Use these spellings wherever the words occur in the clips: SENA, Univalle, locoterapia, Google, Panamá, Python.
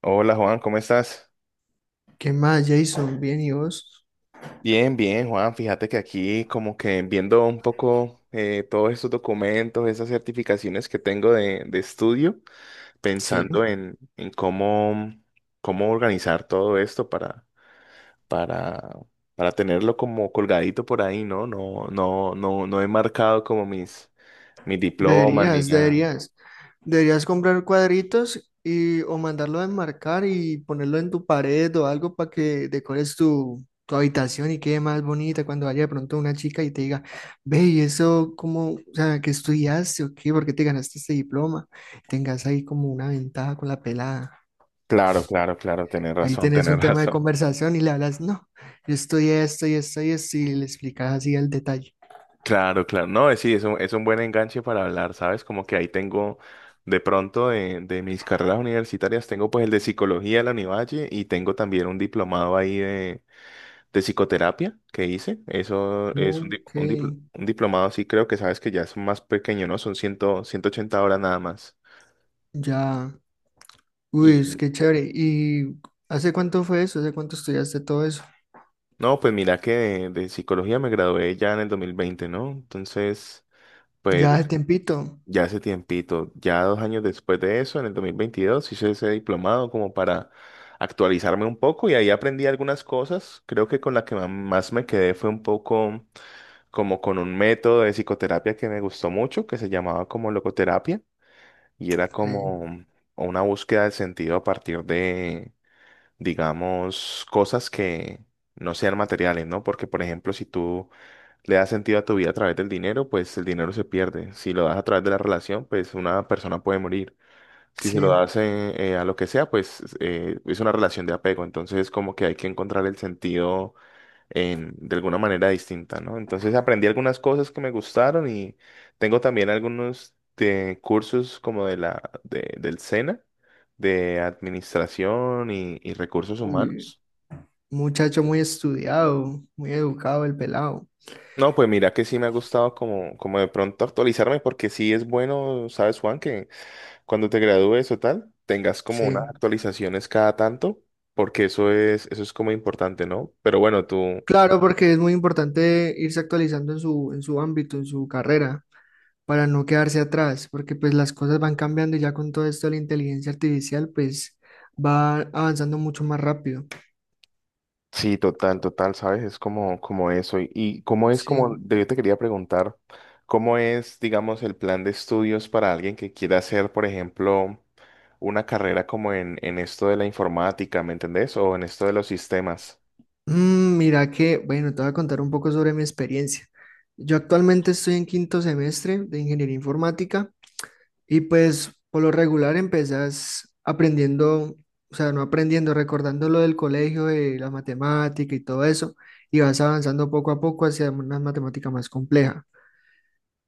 Hola Juan, ¿cómo estás? ¿Qué más, Jason? Bien, ¿y vos? Bien, bien Juan, fíjate que aquí como que viendo un poco todos estos documentos, esas certificaciones que tengo de estudio, Sí. pensando en cómo, cómo organizar todo esto para, para tenerlo como colgadito por ahí, ¿no? No, no, no, no he marcado como mis diplomas. Sí, ni Deberías, nada. deberías. Deberías comprar cuadritos y o mandarlo a enmarcar y ponerlo en tu pared o algo para que decores tu habitación y quede más bonita cuando vaya de pronto una chica y te diga, ve, ¿y eso cómo, o sea, qué estudiaste o qué? ¿Por qué te ganaste este diploma? Tengas ahí como una ventaja con la pelada. Claro, claro, claro, tener Ahí razón, tenés tener un tema de razón. conversación y le hablas, no, yo estudié esto y esto y esto y le explicas así el detalle. Claro, claro. No, sí, es un buen enganche para hablar, ¿sabes? Como que ahí tengo, de pronto, de mis carreras universitarias, tengo pues el de psicología de la Univalle y tengo también un diplomado ahí de psicoterapia que hice. Eso es un, di- Ok. un, dipl- un diplomado, sí, creo que sabes que ya es más pequeño, ¿no? Son 180 horas nada más. Ya, uy, es Y que chévere. ¿Y hace cuánto fue eso? ¿Hace cuánto estudiaste todo eso? no, pues mira que de psicología me gradué ya en el 2020, ¿no? Entonces, pues Ya hace tiempito. ya hace tiempito, ya 2 años después de eso, en el 2022 hice ese diplomado como para actualizarme un poco y ahí aprendí algunas cosas. Creo que con la que más me quedé fue un poco como con un método de psicoterapia que me gustó mucho, que se llamaba como locoterapia y era Ok, como una búsqueda del sentido a partir de, digamos, cosas que no sean materiales, ¿no? Porque, por ejemplo, si tú le das sentido a tu vida a través del dinero, pues el dinero se pierde. Si lo das a través de la relación, pues una persona puede morir. Si se lo sí. das a lo que sea, pues es una relación de apego. Entonces, como que hay que encontrar el sentido en, de alguna manera distinta, ¿no? Entonces, aprendí algunas cosas que me gustaron y tengo también algunos de cursos como de del SENA, de administración y recursos Uy, humanos. muchacho muy estudiado, muy educado el pelado. No, pues mira que sí me ha gustado como, como de pronto actualizarme, porque sí es bueno, sabes, Juan, que cuando te gradúes o tal, tengas como unas Sí. actualizaciones cada tanto, porque eso es como importante, ¿no? Pero bueno, tú, Claro, porque es muy importante irse actualizando en su ámbito, en su carrera, para no quedarse atrás, porque pues las cosas van cambiando y ya con todo esto de la inteligencia artificial, pues va avanzando mucho más rápido. sí, total, total, sabes, es como, como eso. Y cómo es como, Sí. Yo te quería preguntar, ¿cómo es, digamos, el plan de estudios para alguien que quiera hacer, por ejemplo, una carrera como en esto de la informática, ¿me entendés? O en esto de los sistemas. Mira que, bueno, te voy a contar un poco sobre mi experiencia. Yo actualmente estoy en quinto semestre de ingeniería informática y pues por lo regular empezás aprendiendo, o sea, no aprendiendo, recordando lo del colegio, de la matemática y todo eso, y vas avanzando poco a poco hacia una matemática más compleja.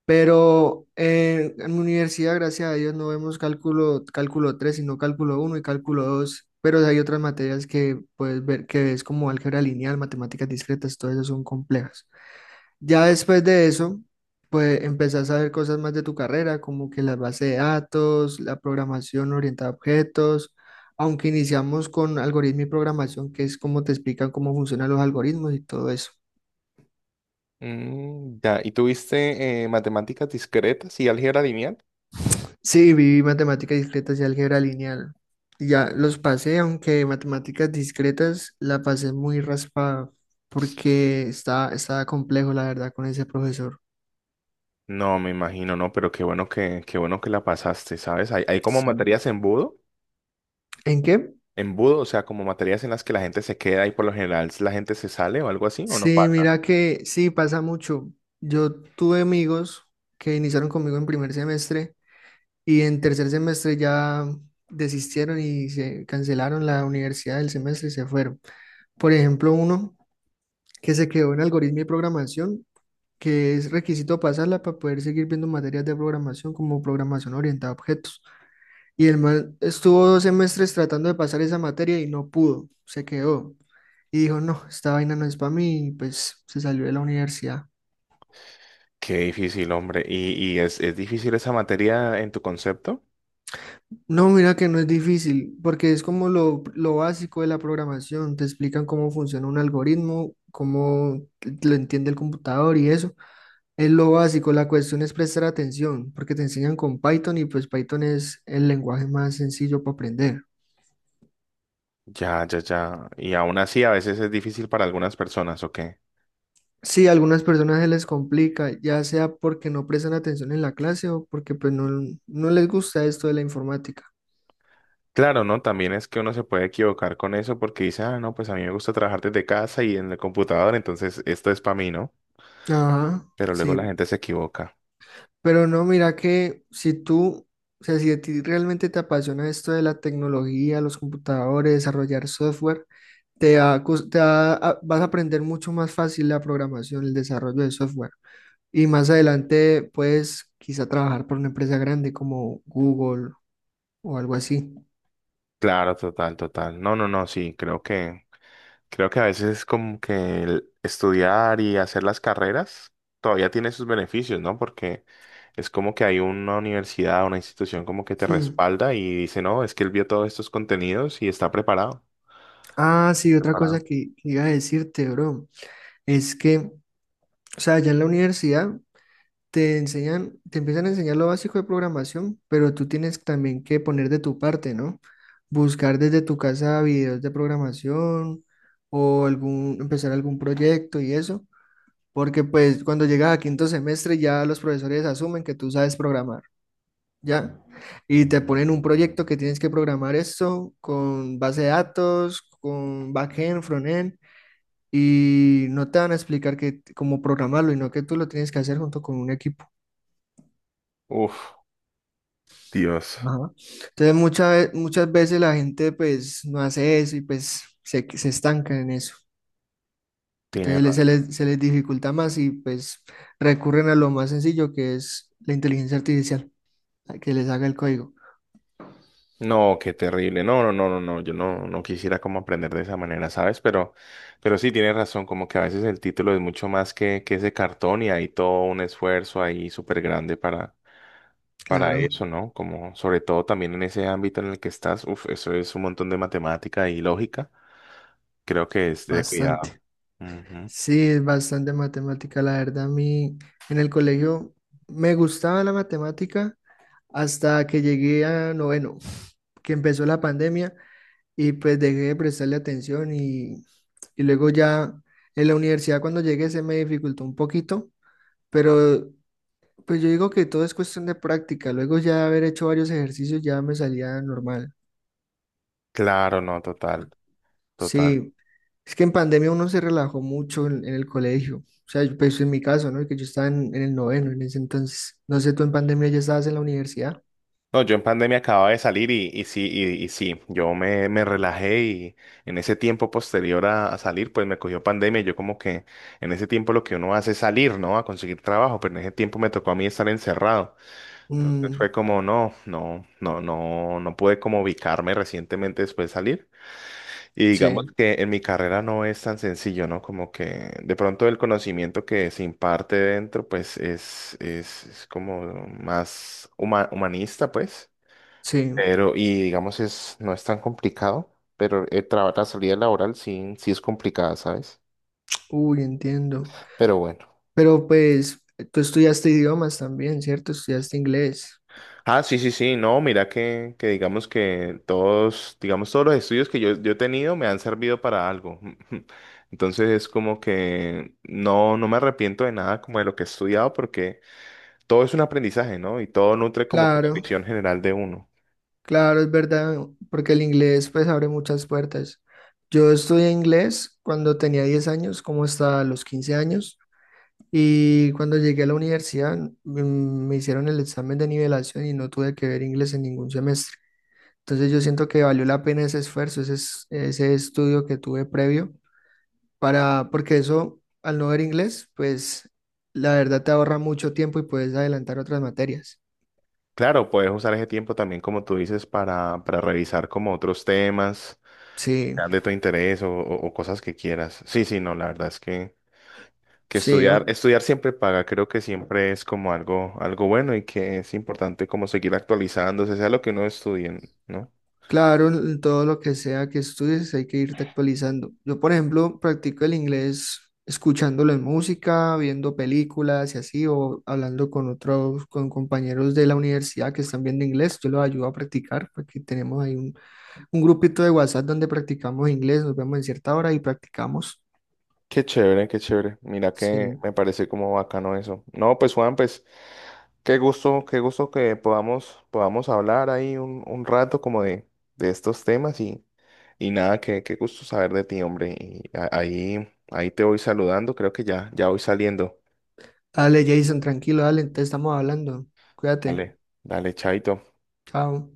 Pero en mi universidad, gracias a Dios, no vemos cálculo, cálculo 3 sino cálculo uno y cálculo dos. Pero hay otras materias que puedes ver que es como álgebra lineal, matemáticas discretas, todas esas son complejas. Ya después de eso, pues empezás a ver cosas más de tu carrera, como que las bases de datos, la programación orientada a objetos, aunque iniciamos con algoritmo y programación, que es como te explican cómo funcionan los algoritmos y todo eso. Mm, ya, ¿y tuviste matemáticas discretas y álgebra lineal? Sí, viví matemáticas discretas y álgebra lineal. Y ya los pasé, aunque matemáticas discretas la pasé muy raspada porque estaba complejo, la verdad, con ese profesor. No, me imagino, no, pero qué bueno que la pasaste, ¿sabes? Hay como Sí. materias embudo, ¿En qué? embudo, o sea, como materias en las que la gente se queda y por lo general la gente se sale o algo así, o no Sí, pasa. mira que sí, pasa mucho. Yo tuve amigos que iniciaron conmigo en primer semestre y en tercer semestre ya desistieron y se cancelaron la universidad del semestre y se fueron. Por ejemplo, uno que se quedó en algoritmo y programación, que es requisito pasarla para poder seguir viendo materias de programación como programación orientada a objetos. Y el man estuvo 2 semestres tratando de pasar esa materia y no pudo, se quedó. Y dijo, no, esta vaina no es para mí, y pues se salió de la universidad. Qué difícil, hombre. ¿Y es difícil esa materia en tu concepto? No, mira que no es difícil, porque es como lo básico de la programación. Te explican cómo funciona un algoritmo, cómo lo entiende el computador y eso. Es lo básico, la cuestión es prestar atención, porque te enseñan con Python y pues Python es el lenguaje más sencillo para aprender. Ya, ya, ya. Y aún así a veces es difícil para algunas personas, ¿ok? Sí, a algunas personas se les complica, ya sea porque no prestan atención en la clase o porque pues no, no les gusta esto de la informática. Claro, ¿no? También es que uno se puede equivocar con eso porque dice, ah, no, pues a mí me gusta trabajar desde casa y en el computador, entonces esto es para mí, ¿no? Ajá, Pero luego la sí. gente se equivoca. Pero no, mira que si tú, o sea, si a ti realmente te apasiona esto de la tecnología, los computadores, desarrollar software, te va a cos- te va a- vas a aprender mucho más fácil la programación, el desarrollo de software. Y más adelante puedes quizá trabajar por una empresa grande como Google o algo así. Claro, total, total. No, no, no, sí, creo que a veces es como que el estudiar y hacer las carreras todavía tiene sus beneficios, ¿no? Porque es como que hay una universidad, una institución como que te Mm. respalda y dice, no, es que él vio todos estos contenidos y está preparado. Ah, sí, otra cosa Preparado. que iba a decirte, bro, es que, o sea, ya en la universidad te enseñan, te empiezan a enseñar lo básico de programación, pero tú tienes también que poner de tu parte, ¿no? Buscar desde tu casa videos de programación o algún, empezar algún proyecto y eso, porque pues cuando llegas a quinto semestre ya los profesores asumen que tú sabes programar, ¿ya? Y te ponen un proyecto que tienes que programar esto con base de datos, con backend, frontend, y no te van a explicar que, cómo programarlo, y no que tú lo tienes que hacer junto con un equipo. Uf, Dios. Ajá. Entonces muchas, muchas veces la gente pues no hace eso y pues se estanca en eso. Entonces se les dificulta más y pues recurren a lo más sencillo que es la inteligencia artificial, a que les haga el código. No, qué terrible. No, no, no, no, no. Yo no, no quisiera como aprender de esa manera, ¿sabes? Pero sí tienes razón, como que a veces el título es mucho más que ese cartón y hay todo un esfuerzo ahí súper grande para Claro, eso, ¿no? Como sobre todo también en ese ámbito en el que estás, uf, eso es un montón de matemática y lógica. Creo que es de cuidado. bastante. Ujú. Sí, es bastante matemática. La verdad, a mí en el colegio me gustaba la matemática hasta que llegué a noveno, que empezó la pandemia y pues dejé de prestarle atención y luego ya en la universidad cuando llegué se me dificultó un poquito, pero pues yo digo que todo es cuestión de práctica, luego ya haber hecho varios ejercicios ya me salía normal. Claro, no, total, total. Sí, es que en pandemia uno se relajó mucho en el colegio, o sea, yo- pues en mi caso, ¿no? Que yo estaba en el noveno en ese entonces, no sé, tú en pandemia ya estabas en la universidad. No, yo en pandemia acababa de salir y sí, y sí, me relajé y en ese tiempo posterior a salir, pues me cogió pandemia y yo como que en ese tiempo lo que uno hace es salir, ¿no? A conseguir trabajo, pero en ese tiempo me tocó a mí estar encerrado. Entonces Mm, fue como, no, no, no, no, no pude como ubicarme recientemente después de salir. Y digamos sí, que en mi carrera no es tan sencillo, ¿no? Como que de pronto el conocimiento que se imparte dentro, pues es como más humanista, pues. sí, Pero, y digamos, es, no es tan complicado, pero el la salida laboral sí, sí es complicada, ¿sabes? uy, entiendo. Pero bueno. Pero pues tú estudiaste idiomas también, ¿cierto? Estudiaste inglés. Ah, sí, sí, sí, no, mira que digamos que todos, digamos, todos los estudios que yo he tenido me han servido para algo. Entonces es como que no, no me arrepiento de nada como de lo que he estudiado porque todo es un aprendizaje, ¿no? Y todo nutre como que la Claro, visión general de uno. claro, es verdad, porque el inglés pues abre muchas puertas. Yo estudié inglés cuando tenía 10 años, como hasta los 15 años, y cuando llegué a la universidad, me hicieron el examen de nivelación y no tuve que ver inglés en ningún semestre. Entonces yo siento que valió la pena ese esfuerzo, ese estudio que tuve previo, para, porque eso, al no ver inglés, pues la verdad te ahorra mucho tiempo y puedes adelantar otras materias. Claro, puedes usar ese tiempo también, como tú dices, para revisar como otros temas Sí, sean de tu interés o cosas que quieras. Sí, sí, no, la verdad es que sí, estudiar, estudiar siempre paga, creo que siempre es como algo, algo bueno y que es importante como seguir actualizándose, sea lo que uno estudie, ¿no? claro, en todo lo que sea que estudies hay que irte actualizando. Yo, por ejemplo, practico el inglés escuchándolo en música, viendo películas y así, o hablando con otros, con compañeros de la universidad que están viendo inglés, yo los ayudo a practicar, porque tenemos ahí un grupito de WhatsApp donde practicamos inglés, nos vemos en cierta hora y practicamos. Qué chévere, qué chévere. Mira que Sí. me parece como bacano eso. No, pues Juan, pues qué gusto que podamos, podamos hablar ahí un rato como de estos temas y nada, qué, qué gusto saber de ti, hombre. Y ahí, ahí te voy saludando, creo que ya, ya voy saliendo. Dale, Jason, tranquilo, dale, te estamos hablando. Dale, Cuídate. dale, chaito. Chao.